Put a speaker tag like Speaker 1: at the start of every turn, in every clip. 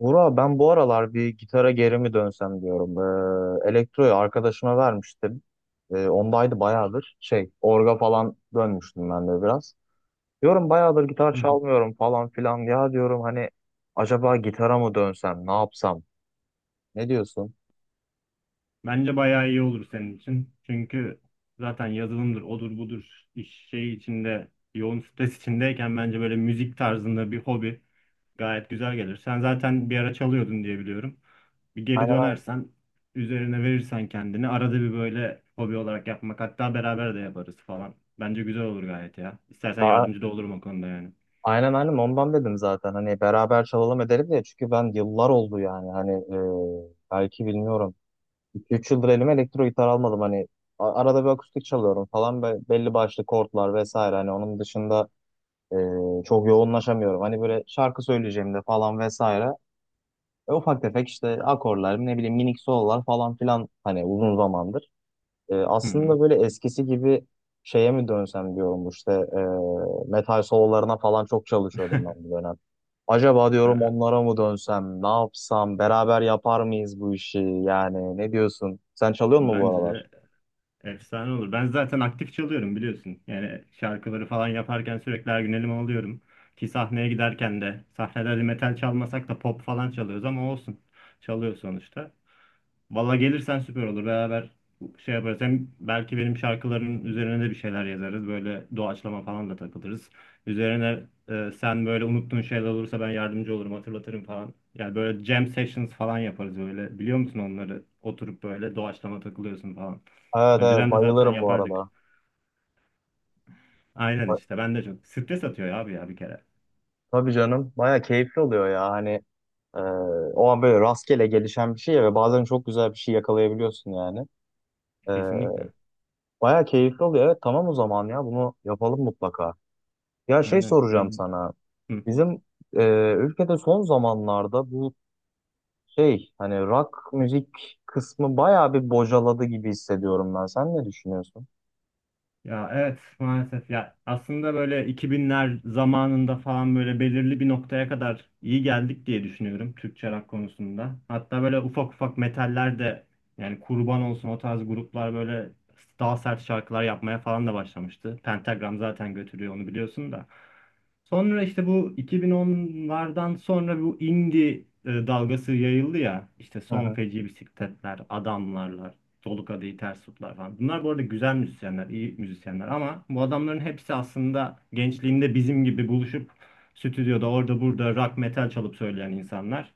Speaker 1: Vura ben bu aralar bir gitara geri mi dönsem diyorum. Elektroyu arkadaşıma vermiştim. Ondaydı bayağıdır. Orga falan dönmüştüm ben de biraz. Diyorum bayağıdır gitar
Speaker 2: Hı hı.
Speaker 1: çalmıyorum falan filan. Ya diyorum hani acaba gitara mı dönsem, ne yapsam? Ne diyorsun?
Speaker 2: Bence bayağı iyi olur senin için. Çünkü zaten yazılımdır, odur budur iş şey içinde, yoğun stres içindeyken bence böyle müzik tarzında bir hobi gayet güzel gelir. Sen zaten bir ara çalıyordun diye biliyorum. Bir geri
Speaker 1: Aynen, aynen.
Speaker 2: dönersen, üzerine verirsen kendini arada bir böyle hobi olarak yapmak hatta beraber de yaparız falan. Bence güzel olur gayet ya. İstersen
Speaker 1: Ta-
Speaker 2: yardımcı da olurum o konuda yani.
Speaker 1: aynen aynen, ondan dedim zaten. Hani beraber çalalım edelim diye. Çünkü ben yıllar oldu yani. Hani belki bilmiyorum. İki üç yıldır elime elektro gitar almadım. Hani arada bir akustik çalıyorum falan. Belli başlı kortlar vesaire. Hani onun dışında e, çok yoğunlaşamıyorum. Hani böyle şarkı söyleyeceğimde falan vesaire. Ufak tefek işte akorlar, ne bileyim minik sololar falan filan hani uzun zamandır.
Speaker 2: Hı hı.
Speaker 1: Aslında böyle eskisi gibi şeye mi dönsem diyorum işte, metal sololarına falan çok çalışıyordum ben bu dönem. Acaba diyorum onlara mı dönsem, ne yapsam, beraber yapar mıyız bu işi yani, ne diyorsun? Sen çalıyor musun bu
Speaker 2: Bence
Speaker 1: aralar?
Speaker 2: de efsane olur. Ben zaten aktif çalıyorum biliyorsun. Yani şarkıları falan yaparken sürekli her gün elime alıyorum. Ki sahneye giderken de sahnelerde metal çalmasak da pop falan çalıyoruz ama olsun. Çalıyor sonuçta. Valla gelirsen süper olur. Beraber şey yaparız. Hem belki benim şarkıların üzerine de bir şeyler yazarız. Böyle doğaçlama falan da takılırız. Üzerine sen böyle unuttuğun şeyler olursa ben yardımcı olurum, hatırlatırım falan. Yani böyle jam sessions falan yaparız böyle. Biliyor musun onları? Oturup böyle doğaçlama takılıyorsun falan.
Speaker 1: Evet evet,
Speaker 2: Önceden de zaten
Speaker 1: bayılırım bu
Speaker 2: yapardık.
Speaker 1: arada.
Speaker 2: Aynen
Speaker 1: Ba-
Speaker 2: işte. Ben de çok stres atıyor ya abi ya bir kere.
Speaker 1: Tabii canım, baya keyifli oluyor ya hani e, o an böyle rastgele gelişen bir şey ya ve bazen çok güzel bir şey yakalayabiliyorsun yani. E,
Speaker 2: Kesinlikle.
Speaker 1: Baya keyifli oluyor, evet tamam, o zaman ya bunu yapalım mutlaka. Ya şey
Speaker 2: Aynen ya.
Speaker 1: soracağım sana. Bizim e, ülkede son zamanlarda bu şey hani rock müzik kısmı bayağı bir bocaladı gibi hissediyorum ben. Sen ne düşünüyorsun?
Speaker 2: Ya evet maalesef ya, aslında böyle 2000'ler zamanında falan böyle belirli bir noktaya kadar iyi geldik diye düşünüyorum Türkçe rock konusunda. Hatta böyle ufak ufak metaller de, yani kurban olsun, o tarz gruplar böyle daha sert şarkılar yapmaya falan da başlamıştı. Pentagram zaten götürüyor onu biliyorsun da. Sonra işte bu 2010'lardan sonra bu indie dalgası yayıldı ya. İşte
Speaker 1: Hı
Speaker 2: Son
Speaker 1: hı.
Speaker 2: Feci Bisikletler, Adamlarlar. Dolu Kadehi Ters Tutlar falan. Bunlar bu arada güzel müzisyenler, iyi müzisyenler ama bu adamların hepsi aslında gençliğinde bizim gibi buluşup stüdyoda orada burada rock metal çalıp söyleyen insanlar.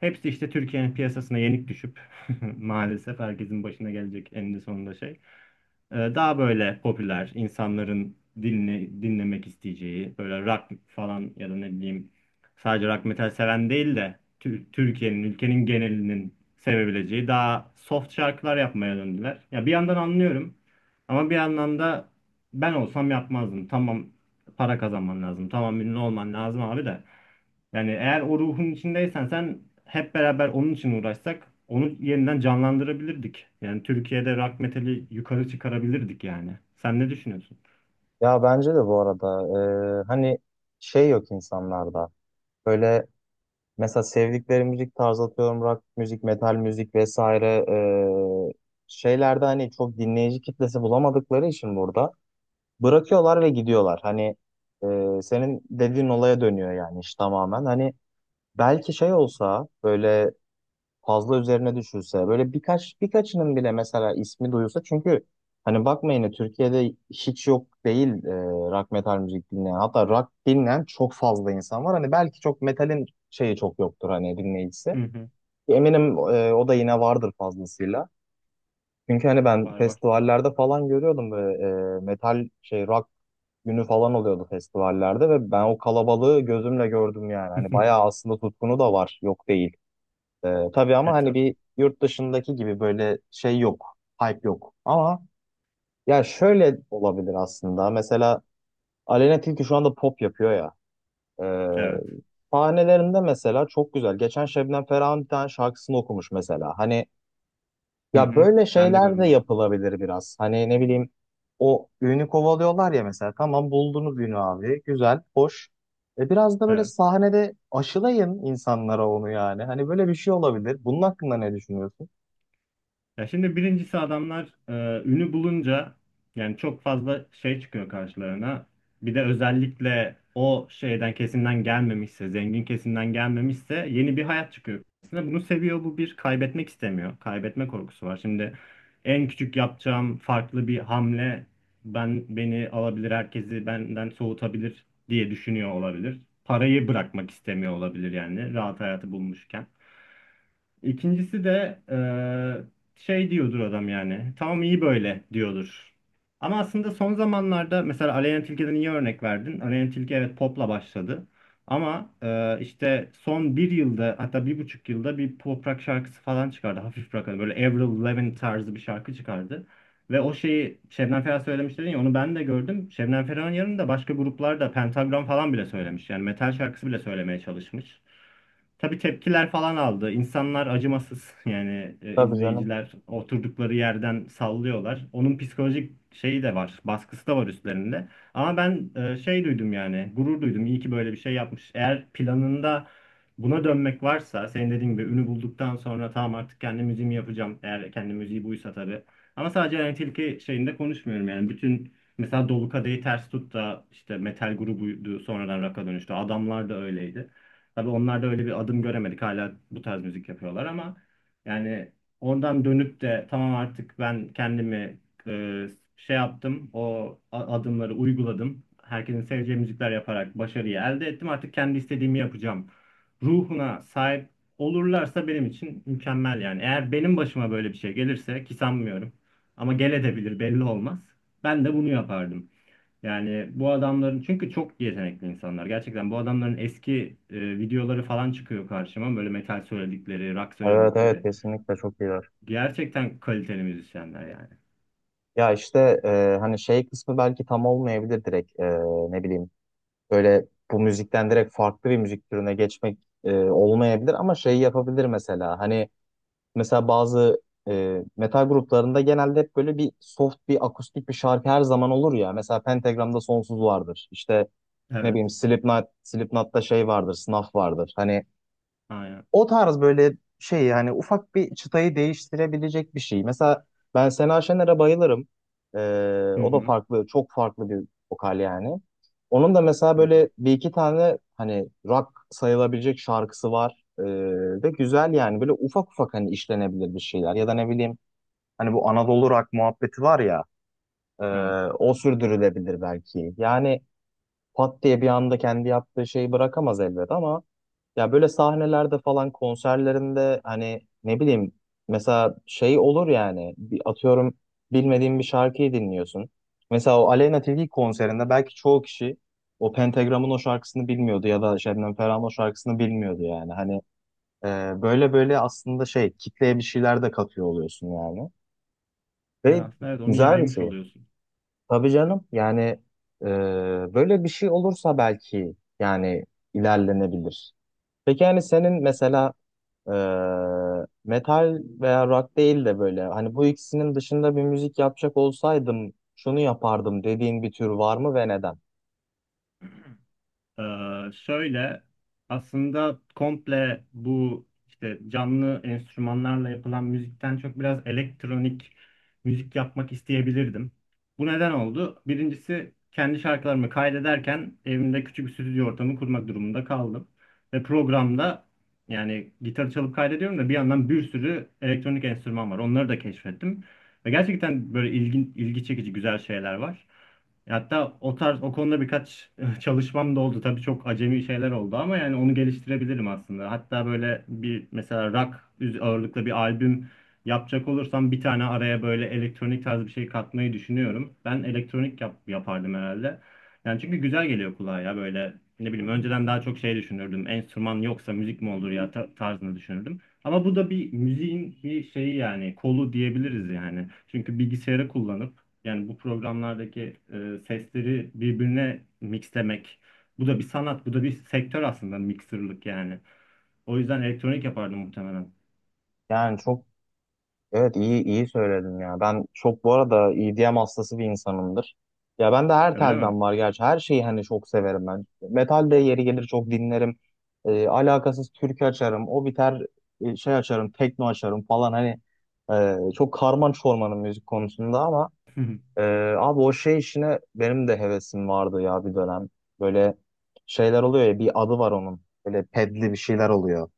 Speaker 2: Hepsi işte Türkiye'nin piyasasına yenik düşüp maalesef herkesin başına gelecek eninde sonunda şey. Daha böyle popüler insanların dinlemek isteyeceği böyle rock falan ya da ne bileyim sadece rock metal seven değil de Türkiye'nin ülkenin genelinin sevebileceği daha soft şarkılar yapmaya döndüler. Ya bir yandan anlıyorum ama bir yandan da ben olsam yapmazdım. Tamam, para kazanman lazım. Tamam ünlü olman lazım abi de. Yani eğer o ruhun içindeysen, sen hep beraber onun için uğraşsak onu yeniden canlandırabilirdik. Yani Türkiye'de rock metali yukarı çıkarabilirdik yani. Sen ne düşünüyorsun?
Speaker 1: Ya bence de bu arada hani şey yok insanlarda. Böyle mesela sevdikleri müzik tarzı, atıyorum rock müzik, metal müzik vesaire e, şeylerde hani çok dinleyici kitlesi bulamadıkları için burada bırakıyorlar ve gidiyorlar. Hani senin dediğin olaya dönüyor yani iş tamamen. Hani belki şey olsa, böyle fazla üzerine düşülse, böyle birkaçının bile mesela ismi duyulsa. Çünkü hani bakmayın ya, Türkiye'de hiç yok değil rock metal müzik dinleyen, hatta rock dinleyen çok fazla insan var. Hani belki çok metalin şeyi çok yoktur hani, dinleyicisi,
Speaker 2: Hı hı.
Speaker 1: eminim o da yine vardır fazlasıyla, çünkü hani ben
Speaker 2: Var var.
Speaker 1: festivallerde falan görüyordum böyle metal şey rock günü falan oluyordu festivallerde ve ben o kalabalığı gözümle gördüm yani. Hani bayağı aslında tutkunu da var, yok değil. Tabii ama
Speaker 2: E
Speaker 1: hani
Speaker 2: tabii.
Speaker 1: bir yurt dışındaki gibi böyle şey yok. Hype yok. Ama ya şöyle olabilir aslında. Mesela Aleyna Tilki şu anda pop yapıyor ya. Ee,
Speaker 2: Evet.
Speaker 1: Sahnelerinde mesela çok güzel. Geçen Şebnem Ferah'ın bir tane şarkısını okumuş mesela. Hani
Speaker 2: Hı
Speaker 1: ya
Speaker 2: hı.
Speaker 1: böyle
Speaker 2: Ben de
Speaker 1: şeyler de
Speaker 2: görmedim.
Speaker 1: yapılabilir biraz. Hani ne bileyim, o ünü kovalıyorlar ya mesela. Tamam, buldunuz ünü abi. Güzel, hoş. E biraz da böyle
Speaker 2: Evet.
Speaker 1: sahnede aşılayın insanlara onu yani. Hani böyle bir şey olabilir. Bunun hakkında ne düşünüyorsun?
Speaker 2: Ya şimdi birincisi adamlar ünü bulunca yani çok fazla şey çıkıyor karşılarına. Bir de özellikle o şeyden kesimden gelmemişse, zengin kesimden gelmemişse yeni bir hayat çıkıyor karşısına. Bunu seviyor, bu bir kaybetmek istemiyor. Kaybetme korkusu var. Şimdi en küçük yapacağım farklı bir hamle ben beni alabilir, herkesi benden soğutabilir diye düşünüyor olabilir. Parayı bırakmak istemiyor olabilir yani rahat hayatı bulmuşken. İkincisi de şey diyordur adam yani. Tamam iyi böyle diyordur. Ama aslında son zamanlarda mesela Aleyna Tilki'den iyi örnek verdin. Aleyna Tilki evet popla başladı. Ama işte son bir yılda hatta bir buçuk yılda bir pop rock şarkısı falan çıkardı. Hafif rock, hani böyle Avril Lavigne tarzı bir şarkı çıkardı. Ve o şeyi Şebnem Ferah söylemiş dedin ya, onu ben de gördüm. Şebnem Ferah'ın yanında başka gruplar da, Pentagram falan bile söylemiş. Yani metal şarkısı bile söylemeye çalışmış. Tabii tepkiler falan aldı. İnsanlar acımasız. Yani
Speaker 1: Tabii canım.
Speaker 2: izleyiciler oturdukları yerden sallıyorlar. Onun psikolojik şeyi de var, baskısı da var üstlerinde. Ama ben şey duydum yani, gurur duydum. İyi ki böyle bir şey yapmış. Eğer planında buna dönmek varsa, senin dediğin gibi ünü bulduktan sonra tamam artık kendi müziğimi yapacağım. Eğer kendi müziği buysa tabii. Ama sadece yani tilki şeyinde konuşmuyorum yani. Bütün, mesela Dolu Kadehi Ters Tut da işte metal grubuydu sonradan rock'a dönüştü. Adamlar da öyleydi. Tabii onlar da öyle bir adım göremedik. Hala bu tarz müzik yapıyorlar ama yani oradan dönüp de tamam artık ben kendimi e, şey yaptım. O adımları uyguladım. Herkesin seveceği müzikler yaparak başarıyı elde ettim. Artık kendi istediğimi yapacağım. Ruhuna sahip olurlarsa benim için mükemmel yani. Eğer benim başıma böyle bir şey gelirse, ki sanmıyorum ama gel edebilir, belli olmaz. Ben de bunu yapardım. Yani bu adamların, çünkü çok yetenekli insanlar. Gerçekten bu adamların eski videoları falan çıkıyor karşıma. Böyle metal söyledikleri, rock
Speaker 1: Evet evet,
Speaker 2: söyledikleri.
Speaker 1: kesinlikle çok iyiler.
Speaker 2: Gerçekten kaliteli müzisyenler yani.
Speaker 1: Ya işte hani şey kısmı belki tam olmayabilir direkt. Ne bileyim, böyle bu müzikten direkt farklı bir müzik türüne geçmek olmayabilir ama şey yapabilir mesela. Hani mesela bazı metal gruplarında genelde hep böyle bir soft, bir akustik bir şarkı her zaman olur ya, mesela Pentagram'da Sonsuz vardır işte, ne
Speaker 2: Evet.
Speaker 1: bileyim Slipknot, Slipknot'ta şey vardır, Snuff vardır hani.
Speaker 2: Aynen.
Speaker 1: O tarz böyle şey yani, ufak bir çıtayı değiştirebilecek bir şey. Mesela ben Sena Şener'e bayılırım. Ee,
Speaker 2: Hı
Speaker 1: O da
Speaker 2: hı.
Speaker 1: farklı, çok farklı bir vokal yani. Onun da mesela
Speaker 2: Hı hı.
Speaker 1: böyle bir iki tane hani rock sayılabilecek şarkısı var. Ve güzel yani, böyle ufak ufak hani işlenebilir bir şeyler. Ya da ne bileyim, hani bu Anadolu rock muhabbeti var ya, e,
Speaker 2: Evet.
Speaker 1: o sürdürülebilir belki. Yani pat diye bir anda kendi yaptığı şeyi bırakamaz elbet ama ya böyle sahnelerde falan, konserlerinde hani ne bileyim, mesela şey olur yani, bir atıyorum, bilmediğin bir şarkıyı dinliyorsun. Mesela o Aleyna Tilki konserinde belki çoğu kişi o Pentagram'ın o şarkısını bilmiyordu ya da Şebnem Ferah'ın o şarkısını bilmiyordu yani. Hani böyle böyle aslında şey, kitleye bir şeyler de katıyor oluyorsun yani.
Speaker 2: Yani
Speaker 1: Ve
Speaker 2: aslında evet onu
Speaker 1: güzel bir
Speaker 2: yaymış
Speaker 1: şey.
Speaker 2: oluyorsun.
Speaker 1: Tabii canım yani, e, böyle bir şey olursa belki yani ilerlenebilir. Peki yani senin mesela, ee, metal veya rock değil de böyle hani bu ikisinin dışında bir müzik yapacak olsaydım şunu yapardım dediğin bir tür var mı ve neden?
Speaker 2: Şöyle aslında komple bu işte canlı enstrümanlarla yapılan müzikten çok biraz elektronik müzik yapmak isteyebilirdim. Bu neden oldu? Birincisi kendi şarkılarımı kaydederken evimde küçük bir stüdyo ortamı kurmak durumunda kaldım. Ve programda yani gitar çalıp kaydediyorum da bir yandan bir sürü elektronik enstrüman var. Onları da keşfettim. Ve gerçekten böyle ilgi çekici güzel şeyler var. Hatta o tarz o konuda birkaç çalışmam da oldu. Tabii çok acemi şeyler oldu ama yani onu geliştirebilirim aslında. Hatta böyle bir mesela rock ağırlıklı bir albüm yapacak olursam bir tane araya böyle elektronik tarz bir şey katmayı düşünüyorum. Ben elektronik yapardım herhalde. Yani çünkü güzel geliyor kulağa ya böyle ne bileyim önceden daha çok şey düşünürdüm. Enstrüman yoksa müzik mi olur ya tarzını düşünürdüm. Ama bu da bir müziğin bir şeyi, yani kolu diyebiliriz yani. Çünkü bilgisayarı kullanıp yani bu programlardaki sesleri birbirine mixlemek. Bu da bir sanat, bu da bir sektör aslında, mixerlık yani. O yüzden elektronik yapardım muhtemelen.
Speaker 1: Yani çok, evet iyi iyi söyledin ya. Ben çok bu arada EDM hastası bir insanımdır. Ya ben de her
Speaker 2: Öyle mi?
Speaker 1: telden var gerçi. Her şeyi hani çok severim ben. Metal de yeri gelir çok dinlerim. Alakasız türkü açarım. O biter, şey açarım, tekno açarım falan. Hani çok karman çormanın müzik konusunda ama. Ee, abi o şey işine benim de hevesim vardı ya bir dönem. Böyle şeyler oluyor ya, bir adı var onun. Böyle pedli bir şeyler oluyor.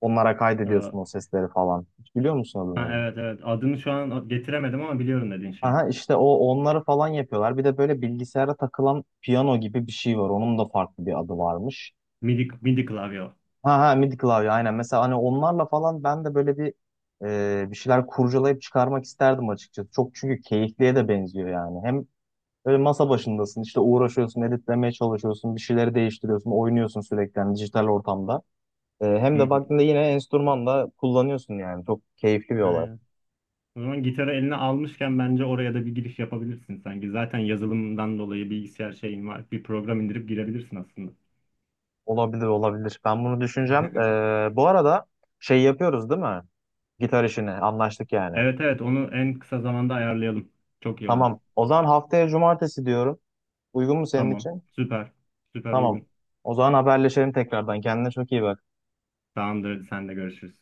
Speaker 1: Onlara
Speaker 2: Ee,
Speaker 1: kaydediyorsun o sesleri falan. Hiç biliyor musun adını
Speaker 2: ha,
Speaker 1: onun?
Speaker 2: evet evet. Adını şu an getiremedim ama biliyorum dediğin şey.
Speaker 1: Aha işte, o onları falan yapıyorlar. Bir de böyle bilgisayara takılan piyano gibi bir şey var. Onun da farklı bir adı varmış.
Speaker 2: MIDI, MIDI klavye.
Speaker 1: Ha ha, MIDI klavye, aynen. Mesela hani onlarla falan ben de böyle bir şeyler kurcalayıp çıkarmak isterdim açıkçası. Çok çünkü keyifliye de benziyor yani. Hem böyle masa başındasın, işte uğraşıyorsun, editlemeye çalışıyorsun, bir şeyleri değiştiriyorsun, oynuyorsun sürekli yani dijital ortamda. Hem
Speaker 2: Hı
Speaker 1: de
Speaker 2: hı.
Speaker 1: baktığında yine enstrüman da kullanıyorsun yani. Çok keyifli bir olay.
Speaker 2: Aynen. O zaman gitarı eline almışken bence oraya da bir giriş yapabilirsin sanki. Zaten yazılımdan dolayı bilgisayar şeyin var. Bir program indirip girebilirsin aslında.
Speaker 1: Olabilir, olabilir. Ben bunu düşüneceğim. Bu arada şey yapıyoruz değil mi? Gitar işini anlaştık yani.
Speaker 2: Evet evet onu en kısa zamanda ayarlayalım. Çok iyi olur.
Speaker 1: Tamam. O zaman haftaya cumartesi diyorum. Uygun mu senin
Speaker 2: Tamam.
Speaker 1: için?
Speaker 2: Süper. Süper
Speaker 1: Tamam.
Speaker 2: uygun.
Speaker 1: O zaman haberleşelim tekrardan. Kendine çok iyi bak.
Speaker 2: Tamamdır. Hadi, sen de görüşürüz.